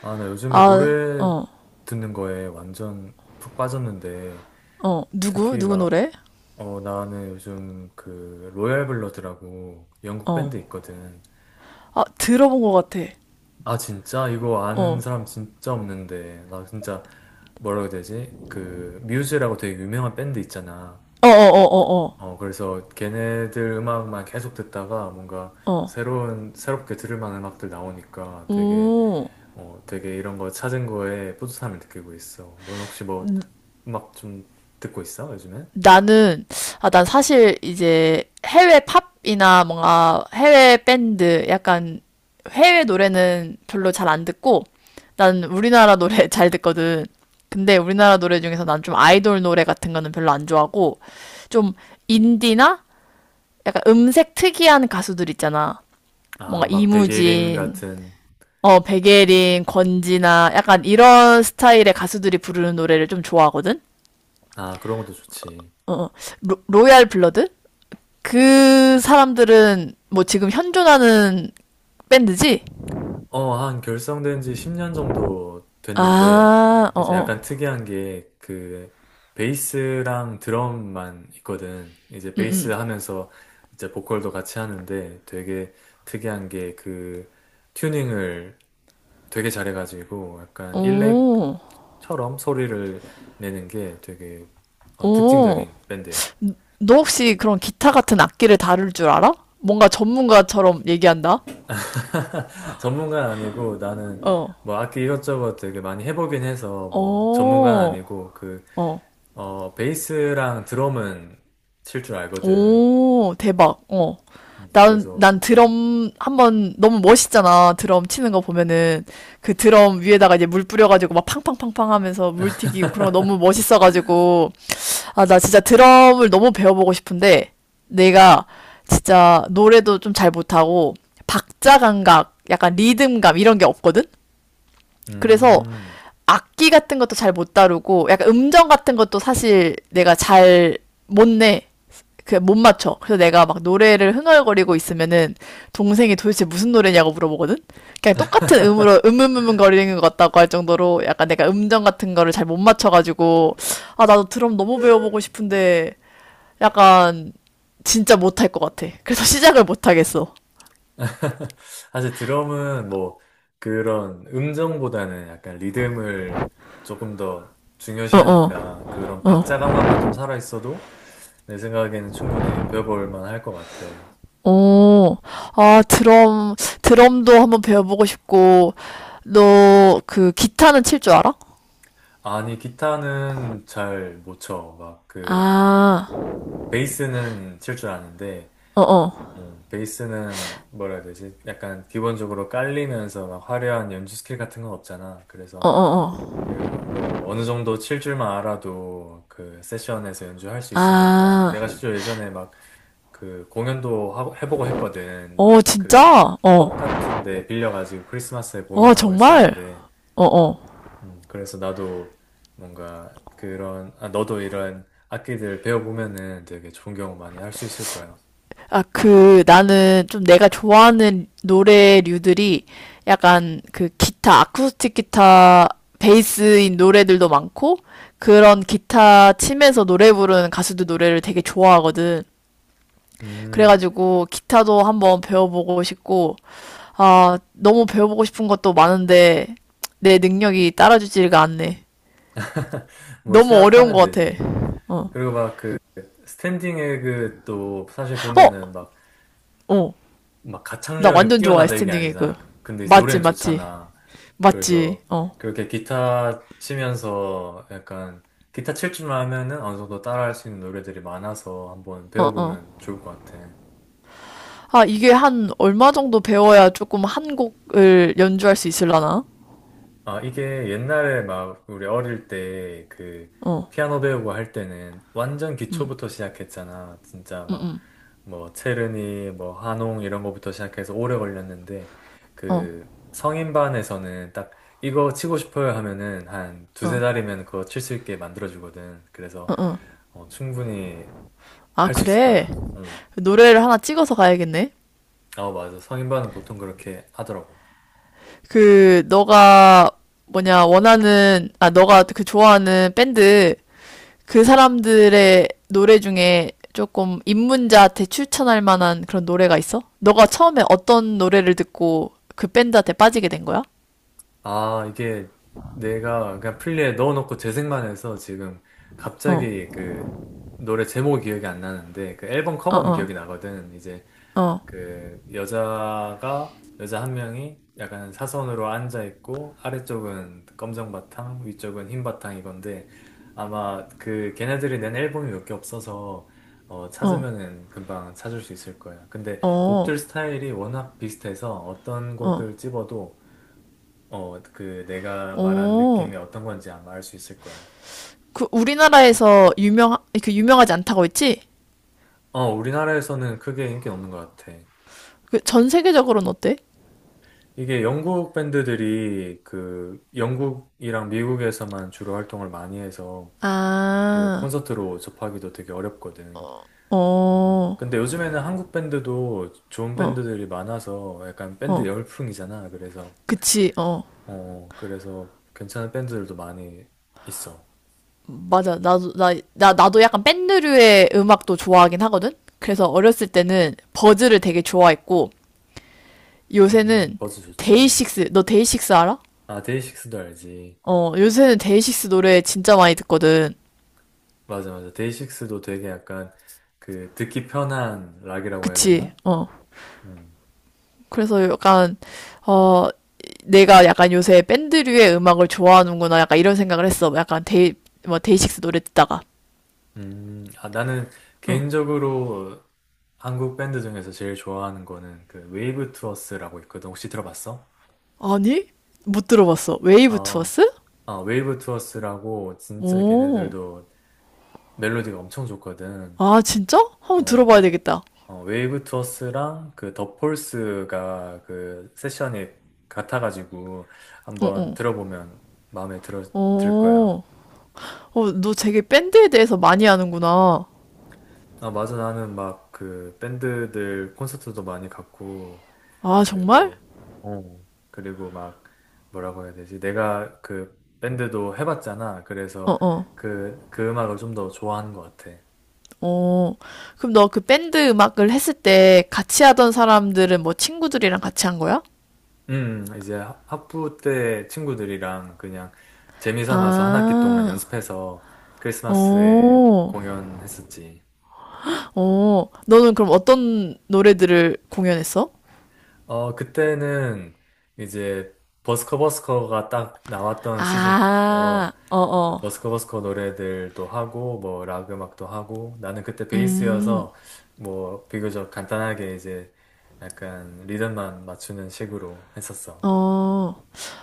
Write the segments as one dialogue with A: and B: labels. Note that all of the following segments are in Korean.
A: 아, 나 요즘에
B: 아,
A: 노래
B: 어,
A: 듣는 거에 완전 푹 빠졌는데,
B: 어. 누구?
A: 특히
B: 누구
A: 막,
B: 노래?
A: 나는 요즘 그, 로얄 블러드라고 영국
B: 어.
A: 밴드 있거든.
B: 아, 들어본 것 같아.
A: 아, 진짜? 이거 아는
B: 어.
A: 사람 진짜 없는데, 나 진짜, 뭐라고 해야 되지? 그, 뮤즈라고 되게 유명한 밴드 있잖아.
B: 어, 어, 어, 어,
A: 그래서 걔네들 음악만 계속 듣다가 뭔가
B: 어. 어.
A: 새로운, 새롭게 들을 만한 음악들 나오니까 되게
B: 오.
A: 어, 되게 이런 거 찾은 거에 뿌듯함을 느끼고 있어. 너는 혹시 뭐 음악 좀 듣고 있어, 요즘에?
B: 나는, 아, 난 사실 이제 해외 팝이나 뭔가 해외 밴드, 약간 해외 노래는 별로 잘 안 듣고, 난 우리나라 노래 잘 듣거든. 근데 우리나라 노래 중에서 난 좀 아이돌 노래 같은 거는 별로 안 좋아하고, 좀 인디나 약간 음색 특이한 가수들 있잖아.
A: 아,
B: 뭔가
A: 막 백예린
B: 이무진,
A: 같은,
B: 어, 백예린, 권지나 약간 이런 스타일의 가수들이 부르는 노래를 좀 좋아하거든?
A: 아, 그런 것도 좋지.
B: 어, 어. 로얄 블러드? 그 사람들은 뭐 지금 현존하는 밴드지?
A: 어, 한 결성된 지 10년 정도 됐는데,
B: 아, 어,
A: 이제 약간
B: 어.
A: 특이한 게 그 베이스랑 드럼만 있거든. 이제 베이스 하면서 이제 보컬도 같이 하는데 되게 특이한 게 그 튜닝을 되게 잘해가지고 약간 일렉
B: 오,
A: 처럼 소리를 내는 게 되게
B: 오.
A: 특징적인 밴드예요.
B: 너 혹시 그런 기타 같은 악기를 다룰 줄 알아? 뭔가 전문가처럼 얘기한다?
A: 전문가는 아니고 나는
B: 어,
A: 뭐 악기 이것저것 되게 많이 해보긴 해서 뭐 전문가는
B: 어,
A: 아니고 그
B: 어.
A: 베이스랑 드럼은 칠 줄 알거든.
B: 오, 대박. 어. 난,
A: 그래서
B: 난 드럼 한번 너무 멋있잖아. 드럼 치는 거 보면은 그 드럼 위에다가 이제 물 뿌려가지고 막 팡팡팡팡 하면서 물 튀기고 그런 거 너무 멋있어가지고. 아, 나 진짜 드럼을 너무 배워보고 싶은데 내가 진짜 노래도 좀 잘 못하고 박자 감각, 약간 리듬감 이런 게 없거든? 그래서
A: 음.
B: 악기 같은 것도 잘 못 다루고 약간 음정 같은 것도 사실 내가 잘 못 내. 그 못 맞춰. 그래서 내가 막 노래를 흥얼거리고 있으면은 동생이 도대체 무슨 노래냐고 물어보거든. 그냥 똑같은 음으로 거리는 것 같다고 할 정도로 약간 내가 음정 같은 거를 잘 못 맞춰가지고 아 나도 드럼 너무 배워보고 싶은데 약간 진짜 못할 것 같아. 그래서 시작을 못 하겠어.
A: 사실 드럼은 뭐 그런 음정보다는 약간 리듬을 조금 더
B: 어어.
A: 중요시하니까 그런 박자 감각만 좀 살아있어도 내 생각에는 충분히 배워볼 만할 것 같아.
B: 어, 아, 드럼, 드럼도 한번 배워보고 싶고, 너, 그, 기타는 칠 줄 알아?
A: 아니, 기타는 잘 못 쳐. 막 그,
B: 아,
A: 베이스는 칠 줄 아는데,
B: 어어,
A: 베이스는 뭐라 해야 되지? 약간 기본적으로 깔리면서 막 화려한 연주 스킬 같은 건 없잖아. 그래서
B: 어어어.
A: 그, 뭐, 어느 정도 칠 줄만 알아도 그 세션에서 연주할 수 있으니까.
B: 아,
A: 내가 실제로 예전에 막 그 공연도 하고, 해보고 했거든.
B: 어,
A: 막 그
B: 진짜? 어,
A: 펍 같은데 빌려가지고 크리스마스에
B: 어,
A: 공연하고
B: 정말?
A: 했었는데,
B: 어어.
A: 그래서 나도 뭔가 그런, 아, 너도 이런 악기들 배워보면은 되게 좋은 경험 많이 할 수 있을 거야.
B: 아, 그, 나는 좀 내가 좋아하는 노래류들이 약간 그 기타, 아쿠스틱 기타, 베이스인 노래들도 많고, 그런 기타 치면서 노래 부르는 가수들 노래를 되게 좋아하거든.
A: 음,
B: 그래가지고 기타도 한번 배워보고 싶고, 아, 너무 배워보고 싶은 것도 많은데 내 능력이 따라주지가 않네.
A: 뭐
B: 너무 어려운
A: 시작하면
B: 것 같아.
A: 되지.
B: 어,
A: 그리고 막 그 스탠딩 에그 또 사실 보면은 막
B: 어, 어,
A: 막
B: 나
A: 가창력이
B: 완전 좋아해
A: 뛰어나다 이게
B: 스탠딩 에그.
A: 아니잖아. 근데 이제
B: 맞지,
A: 노래는
B: 맞지,
A: 좋잖아.
B: 맞지.
A: 그래서
B: 어,
A: 그렇게 기타 치면서 약간 기타 칠 줄만 하면은 어느 정도 따라할 수 있는 노래들이 많아서 한번
B: 어, 어.
A: 배워보면 좋을 것 같아.
B: 아, 이게 한 얼마 정도 배워야 조금 한 곡을 연주할 수 있을라나?
A: 아, 이게 옛날에 막 우리 어릴 때 그
B: 어,
A: 피아노 배우고 할 때는 완전 기초부터 시작했잖아. 진짜 막 뭐 체르니, 뭐 한홍 이런 거부터 시작해서 오래 걸렸는데
B: 어,
A: 그 성인반에서는 딱 이거 치고 싶어요 하면은 한 두세
B: 어.
A: 달이면 그거 칠 수 있게 만들어주거든. 그래서 충분히
B: 아,
A: 할 수 있을
B: 그래.
A: 거야. 응.
B: 노래를 하나 찍어서 가야겠네.
A: 아, 맞아. 성인반은 보통 그렇게 하더라고.
B: 그 너가 뭐냐 원하는 아 너가 그 좋아하는 밴드 그 사람들의 노래 중에 조금 입문자한테 추천할 만한 그런 노래가 있어? 너가 처음에 어떤 노래를 듣고 그 밴드한테 빠지게 된 거야?
A: 아, 이게 내가 그냥 플리에 넣어놓고 재생만 해서 지금
B: 어,
A: 갑자기 그 노래 제목이 기억이 안 나는데 그 앨범
B: 어,
A: 커버는
B: 어,
A: 기억이 나거든. 이제
B: 어,
A: 그 여자 한 명이 약간 사선으로 앉아 있고 아래쪽은 검정 바탕, 위쪽은 흰 바탕 이건데 아마 그 걔네들이 낸 앨범이 몇 개 없어서
B: 어,
A: 찾으면은 금방 찾을 수 있을 거야. 근데
B: 어,
A: 곡들 스타일이 워낙 비슷해서 어떤
B: 어,
A: 곡을 집어도 그 내가 말한
B: 어.
A: 느낌이 어떤 건지 아마 알 수 있을 거야.
B: 그 우리나라에서 유명 그 유명하지 않다고 했지?
A: 어, 우리나라에서는 크게 인기는 없는 것 같아.
B: 그 전 세계적으로는 어때?
A: 이게 영국 밴드들이 그 영국이랑 미국에서만 주로 활동을 많이 해서 그
B: 아,
A: 콘서트로 접하기도 되게 어렵거든. 음.
B: 어,
A: 근데 요즘에는 한국 밴드도 좋은
B: 어,
A: 밴드들이 많아서 약간 밴드
B: 어.
A: 열풍이잖아. 그래서,
B: 그치, 어.
A: 어, 그래서 괜찮은 밴드들도 많이 있어.
B: 맞아. 나도 약간 밴드류의 음악도 좋아하긴 하거든? 그래서 어렸을 때는 버즈를 되게 좋아했고, 요새는
A: 버즈 좋지.
B: 데이식스, 너 데이식스 알아?
A: 아, 데이식스도 알지.
B: 어, 요새는 데이식스 노래 진짜 많이 듣거든.
A: 맞아, 맞아. 데이식스도 되게 약간 그 듣기 편한 락이라고 해야
B: 그치?
A: 되나?
B: 어.
A: 음.
B: 그래서 약간, 어, 내가 약간 요새 밴드류의 음악을 좋아하는구나. 약간 이런 생각을 했어. 약간 뭐, 데이식스 노래 듣다가.
A: 아, 나는 개인적으로 한국 밴드 중에서 제일 좋아하는 거는 그 웨이브 투어스라고 있거든. 혹시 들어봤어?
B: 아니? 못 들어봤어. 웨이브
A: 어,
B: 투어스?
A: 아, 웨이브 투어스라고 진짜
B: 오.
A: 걔네들도 멜로디가 엄청 좋거든.
B: 아, 진짜? 한번
A: 어,
B: 들어봐야
A: 그래.
B: 되겠다.
A: 어, 웨이브 투어스랑 그 더 폴스가 그 세션이 같아가지고
B: 어,
A: 한번
B: 어.
A: 들어보면 마음에 들 거야.
B: 어, 어, 너 되게 밴드에 대해서 많이 아는구나.
A: 아, 맞아. 나는 막 그 밴드들 콘서트도 많이 갔고,
B: 아, 정말?
A: 그리고, 그리고 막 뭐라고 해야 되지? 내가 그 밴드도 해봤잖아.
B: 어,
A: 그래서
B: 어,
A: 그 음악을 좀 더 좋아하는 것 같아.
B: 어. 그럼 너 그 밴드 음악을 했을 때 같이 하던 사람들은 뭐 친구들이랑 같이 한 거야?
A: 이제 학부 때 친구들이랑 그냥 재미 삼아서 한 학기 동안
B: 아,
A: 연습해서
B: 어,
A: 크리스마스에 공연했었지.
B: 어. 너는 그럼 어떤 노래들을 공연했어?
A: 어, 그때는 이제 버스커 버스커가 딱 나왔던 시즌이라서
B: 아, 어,
A: 이제
B: 어.
A: 버스커 버스커 노래들도 하고 뭐 락 음악도 하고 나는 그때
B: 음,
A: 베이스여서 뭐 비교적 간단하게 이제 약간 리듬만 맞추는 식으로 했었어.
B: 어.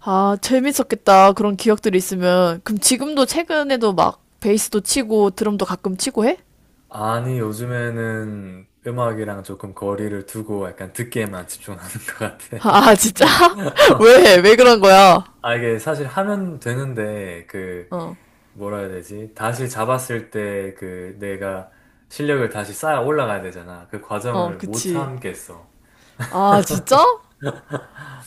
B: 아, 재밌었겠다. 그런 기억들이 있으면. 그럼 지금도 최근에도 막 베이스도 치고 드럼도 가끔 치고 해?
A: 아니, 요즘에는 음악이랑 조금 거리를 두고 약간 듣기에만 집중하는 것 같아.
B: 아, 아, 진짜? 왜? 왜 그런 거야?
A: 아, 이게 사실 하면 되는데, 그,
B: 어,
A: 뭐라 해야 되지? 다시 잡았을 때 그 내가 실력을 다시 쌓아 올라가야 되잖아. 그
B: 어,
A: 과정을 못
B: 그치.
A: 참겠어.
B: 아, 진짜?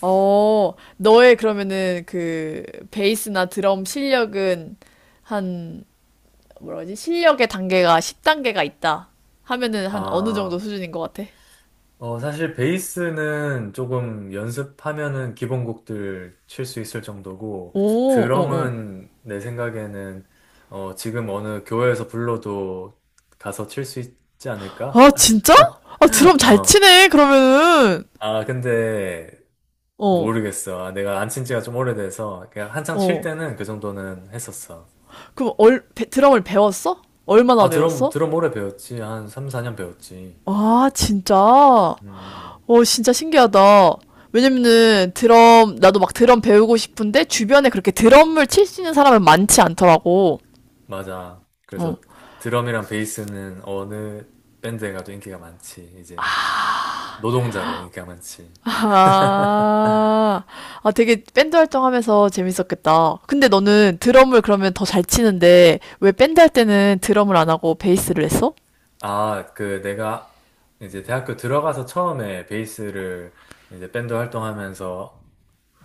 B: 어, 너의 그러면은 그 베이스나 드럼 실력은 한, 뭐라지? 실력의 단계가 10단계가 있다. 하면은 한 어느 정도
A: 아,
B: 수준인 것 같아?
A: 사실 베이스는 조금 연습하면은 기본곡들 칠 수 있을 정도고,
B: 오, 어, 어.
A: 드럼은 내 생각에는 지금 어느 교회에서 불러도 가서 칠 수 있지 않을까?
B: 아, 진짜? 아, 드럼 잘
A: 어.
B: 치네, 그러면은.
A: 아, 근데
B: 어,
A: 모르겠어. 아, 내가 안 친 지가 좀 오래돼서 그냥 한창 칠
B: 어.
A: 때는 그 정도는 했었어.
B: 그럼 얼, 드럼을 배웠어? 얼마나
A: 아, 드럼,
B: 배웠어?
A: 드럼 오래 배웠지. 한 3, 4년 배웠지.
B: 아, 진짜?
A: 음, 음, 음.
B: 오, 진짜 신기하다. 왜냐면은 드럼, 나도 막 드럼 배우고 싶은데 주변에 그렇게 드럼을 칠 수 있는 사람은 많지 않더라고.
A: 맞아.
B: 어.
A: 그래서 드럼이랑 베이스는 어느 밴드에 가도 인기가 많지. 이제 노동자로 인기가 많지.
B: 아, 아, 되게 밴드 활동하면서 재밌었겠다. 근데 너는 드럼을 그러면 더 잘 치는데 왜 밴드 할 때는 드럼을 안 하고 베이스를 했어?
A: 아, 그 내가 이제 대학교 들어가서 처음에 베이스를 이제 밴드 활동하면서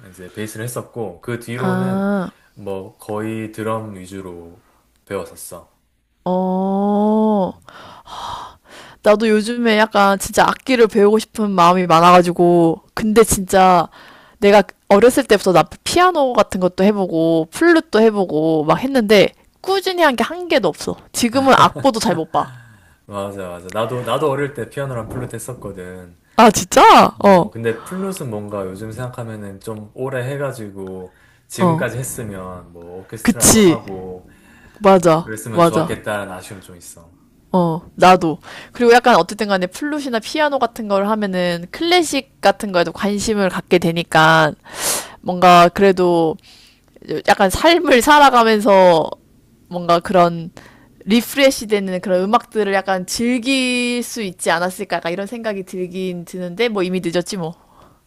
A: 이제 베이스를 했었고, 그 뒤로는
B: 아,
A: 뭐 거의 드럼 위주로 배웠었어.
B: 어. 나도 요즘에 약간 진짜 악기를 배우고 싶은 마음이 많아가지고, 근데 진짜 내가 어렸을 때부터 나 피아노 같은 것도 해보고, 플룻도 해보고 막 했는데, 꾸준히 한 게 한 개도 없어. 지금은 악보도 잘 못 봐.
A: 맞아, 맞아. 나도 어릴 때 피아노랑 플루트 했었거든.
B: 아, 진짜?
A: 어,
B: 어,
A: 근데 플룻은 뭔가 요즘 생각하면은 좀 오래 해가지고
B: 어.
A: 지금까지 했으면 뭐 오케스트라도
B: 그치.
A: 하고 뭐
B: 맞아,
A: 그랬으면
B: 맞아.
A: 좋았겠다는 아쉬움 좀 있어.
B: 어, 나도. 그리고 약간 어쨌든 간에 플룻이나 피아노 같은 걸 하면은 클래식 같은 거에도 관심을 갖게 되니까 뭔가 그래도 약간 삶을 살아가면서 뭔가 그런 리프레시 되는 그런 음악들을 약간 즐길 수 있지 않았을까 약간 이런 생각이 들긴 드는데 뭐 이미 늦었지 뭐.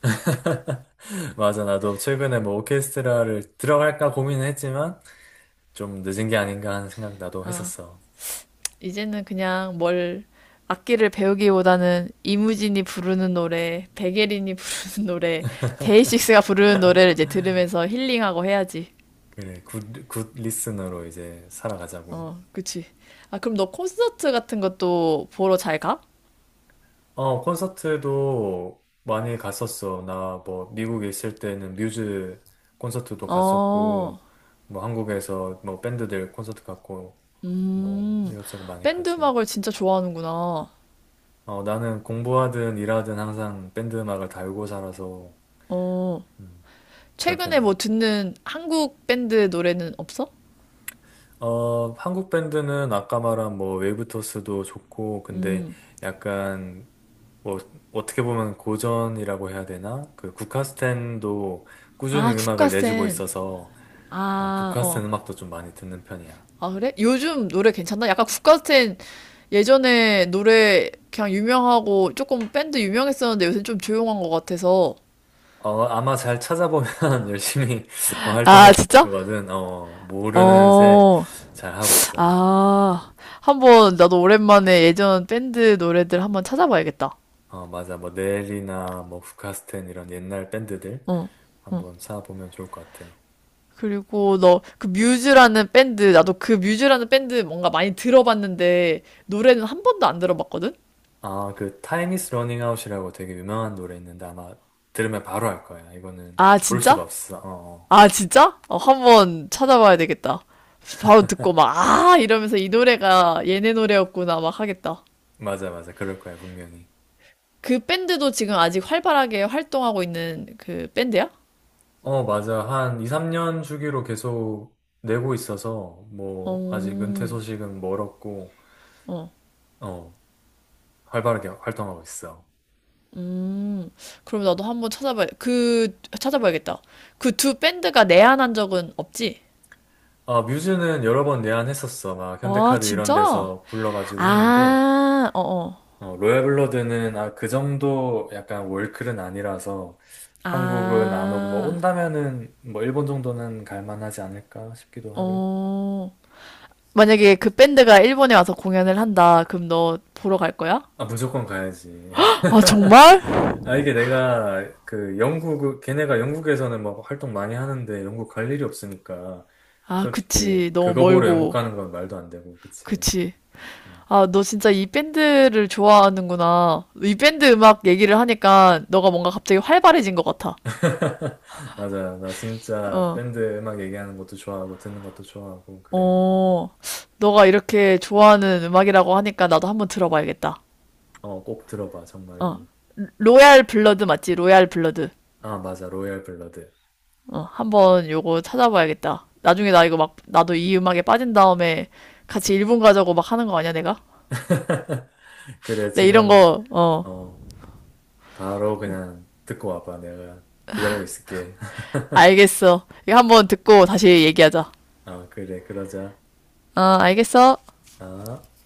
A: 맞아, 나도 최근에 뭐 오케스트라를 들어갈까 고민은 했지만 좀 늦은 게 아닌가 하는 생각 나도
B: 어,
A: 했었어.
B: 이제는 그냥 뭘 악기를 배우기보다는 이무진이 부르는 노래, 백예린이 부르는 노래, 데이식스가 부르는 노래를 이제 들으면서 힐링하고 해야지.
A: 그래, 굿 리스너로 이제 살아가자고.
B: 어, 그치. 아, 그럼 너 콘서트 같은 것도 보러 잘 가?
A: 어, 콘서트도 많이 갔었어. 나 뭐 미국에 있을 때는 뮤즈 콘서트도
B: 어,
A: 갔었고, 뭐 한국에서 뭐 밴드들 콘서트 갔고, 뭐
B: 음,
A: 이것저것 많이
B: 밴드
A: 가지.
B: 음악을 진짜 좋아하는구나.
A: 어, 나는 공부하든 일하든 항상 밴드 음악을 달고 살아서
B: 어,
A: 음, 그런
B: 최근에 뭐
A: 편이야.
B: 듣는 한국 밴드 노래는 없어?
A: 어, 한국 밴드는 아까 말한 뭐 웨이브토스도 좋고, 근데 약간 뭐 어떻게 보면 고전이라고 해야 되나? 그 국카스텐도 꾸준히
B: 아,
A: 음악을 내주고
B: 국가센.
A: 있어서
B: 아, 어.
A: 국카스텐 음악도 좀 많이 듣는 편이야.
B: 아, 그래? 요즘 노래 괜찮나? 약간 국가센 예전에 노래 그냥 유명하고 조금 밴드 유명했었는데 요새 좀 조용한 것 같아서.
A: 어, 아마 잘 찾아보면 열심히
B: 아,
A: 활동하고 있을
B: 진짜?
A: 거거든. 어, 모르는 새
B: 어,
A: 잘 하고 있어.
B: 아, 한번 나도 오랜만에 예전 밴드 노래들 한번 찾아봐야겠다.
A: 어, 맞아. 뭐 넬이나 뭐 국카스텐 이런 옛날 밴드들
B: 어, 어.
A: 한번 찾아보면 좋을 것 같아.
B: 그리고 너 그 뮤즈라는 밴드 나도 그 뮤즈라는 밴드 뭔가 많이 들어봤는데 노래는 한 번도 안 들어봤거든?
A: 아, 그 Time is running out이라고 되게 유명한 노래 있는데 아마 들으면 바로 알 거야. 이거는
B: 아
A: 모를 수가
B: 진짜?
A: 없어. 어, 어.
B: 아 진짜? 어, 한번 찾아봐야 되겠다. 바로 듣고 막 아 이러면서 이 노래가 얘네 노래였구나 막 하겠다.
A: 맞아, 맞아. 그럴 거야, 분명히.
B: 그 밴드도 지금 아직 활발하게 활동하고 있는 그 밴드야?
A: 어, 맞아. 한 2, 3년 주기로 계속 내고 있어서 뭐 아직 은퇴
B: 어,
A: 소식은 멀었고
B: 어,
A: 어, 활발하게 활동하고 있어.
B: 음. 그럼 나도 한 번 찾아봐야 그 찾아봐야겠다. 그 두 밴드가 내한한 적은 없지?
A: 아, 뮤즈는 여러 번 내한했었어. 막
B: 와
A: 현대카드 이런
B: 진짜?
A: 데서 불러가지고 했는데
B: 아, 어어.
A: 로얄블러드는 아, 그 정도 약간 월클은 아니라서 한국은 안 오고 뭐
B: 아,
A: 온다면은 뭐 일본 정도는 갈만하지 않을까 싶기도 하고.
B: 어. 만약에 그 밴드가 일본에 와서 공연을 한다. 그럼 너 보러 갈 거야?
A: 아, 무조건 가야지.
B: 아, 정말?
A: 아, 이게 내가 걔네가 영국에서는 막 활동 많이 하는데 영국 갈 일이 없으니까
B: 아,
A: 솔직히
B: 그치. 너무
A: 그거 보러 영국
B: 멀고.
A: 가는 건 말도 안 되고, 그치.
B: 그치.
A: 음.
B: 아, 너 진짜 이 밴드를 좋아하는구나. 이 밴드 음악 얘기를 하니까 너가 뭔가 갑자기 활발해진 것 같아.
A: 맞아. 나 진짜
B: 어.
A: 밴드 음악 얘기하는 것도 좋아하고 듣는 것도 좋아하고, 그래.
B: 어. 너가 이렇게 좋아하는 음악이라고 하니까 나도 한번 들어봐야겠다.
A: 어, 꼭 들어봐,
B: 어.
A: 정말로.
B: 로얄 블러드 맞지? 로얄 블러드.
A: 아, 맞아. 로얄 블러드.
B: 어, 한번 요거 찾아봐야겠다. 나중에 나 이거 막, 나도 이 음악에 빠진 다음에 같이 일본 가자고 막 하는 거 아니야, 내가?
A: 그래,
B: 내 이런
A: 지금,
B: 거, 어,
A: 어, 바로 그냥 듣고 와봐. 내가 기다리고 있을게.
B: 알겠어. 이거 한번 듣고 다시 얘기하자.
A: 아, 그래, 그러자.
B: 어, 알겠어.
A: 아.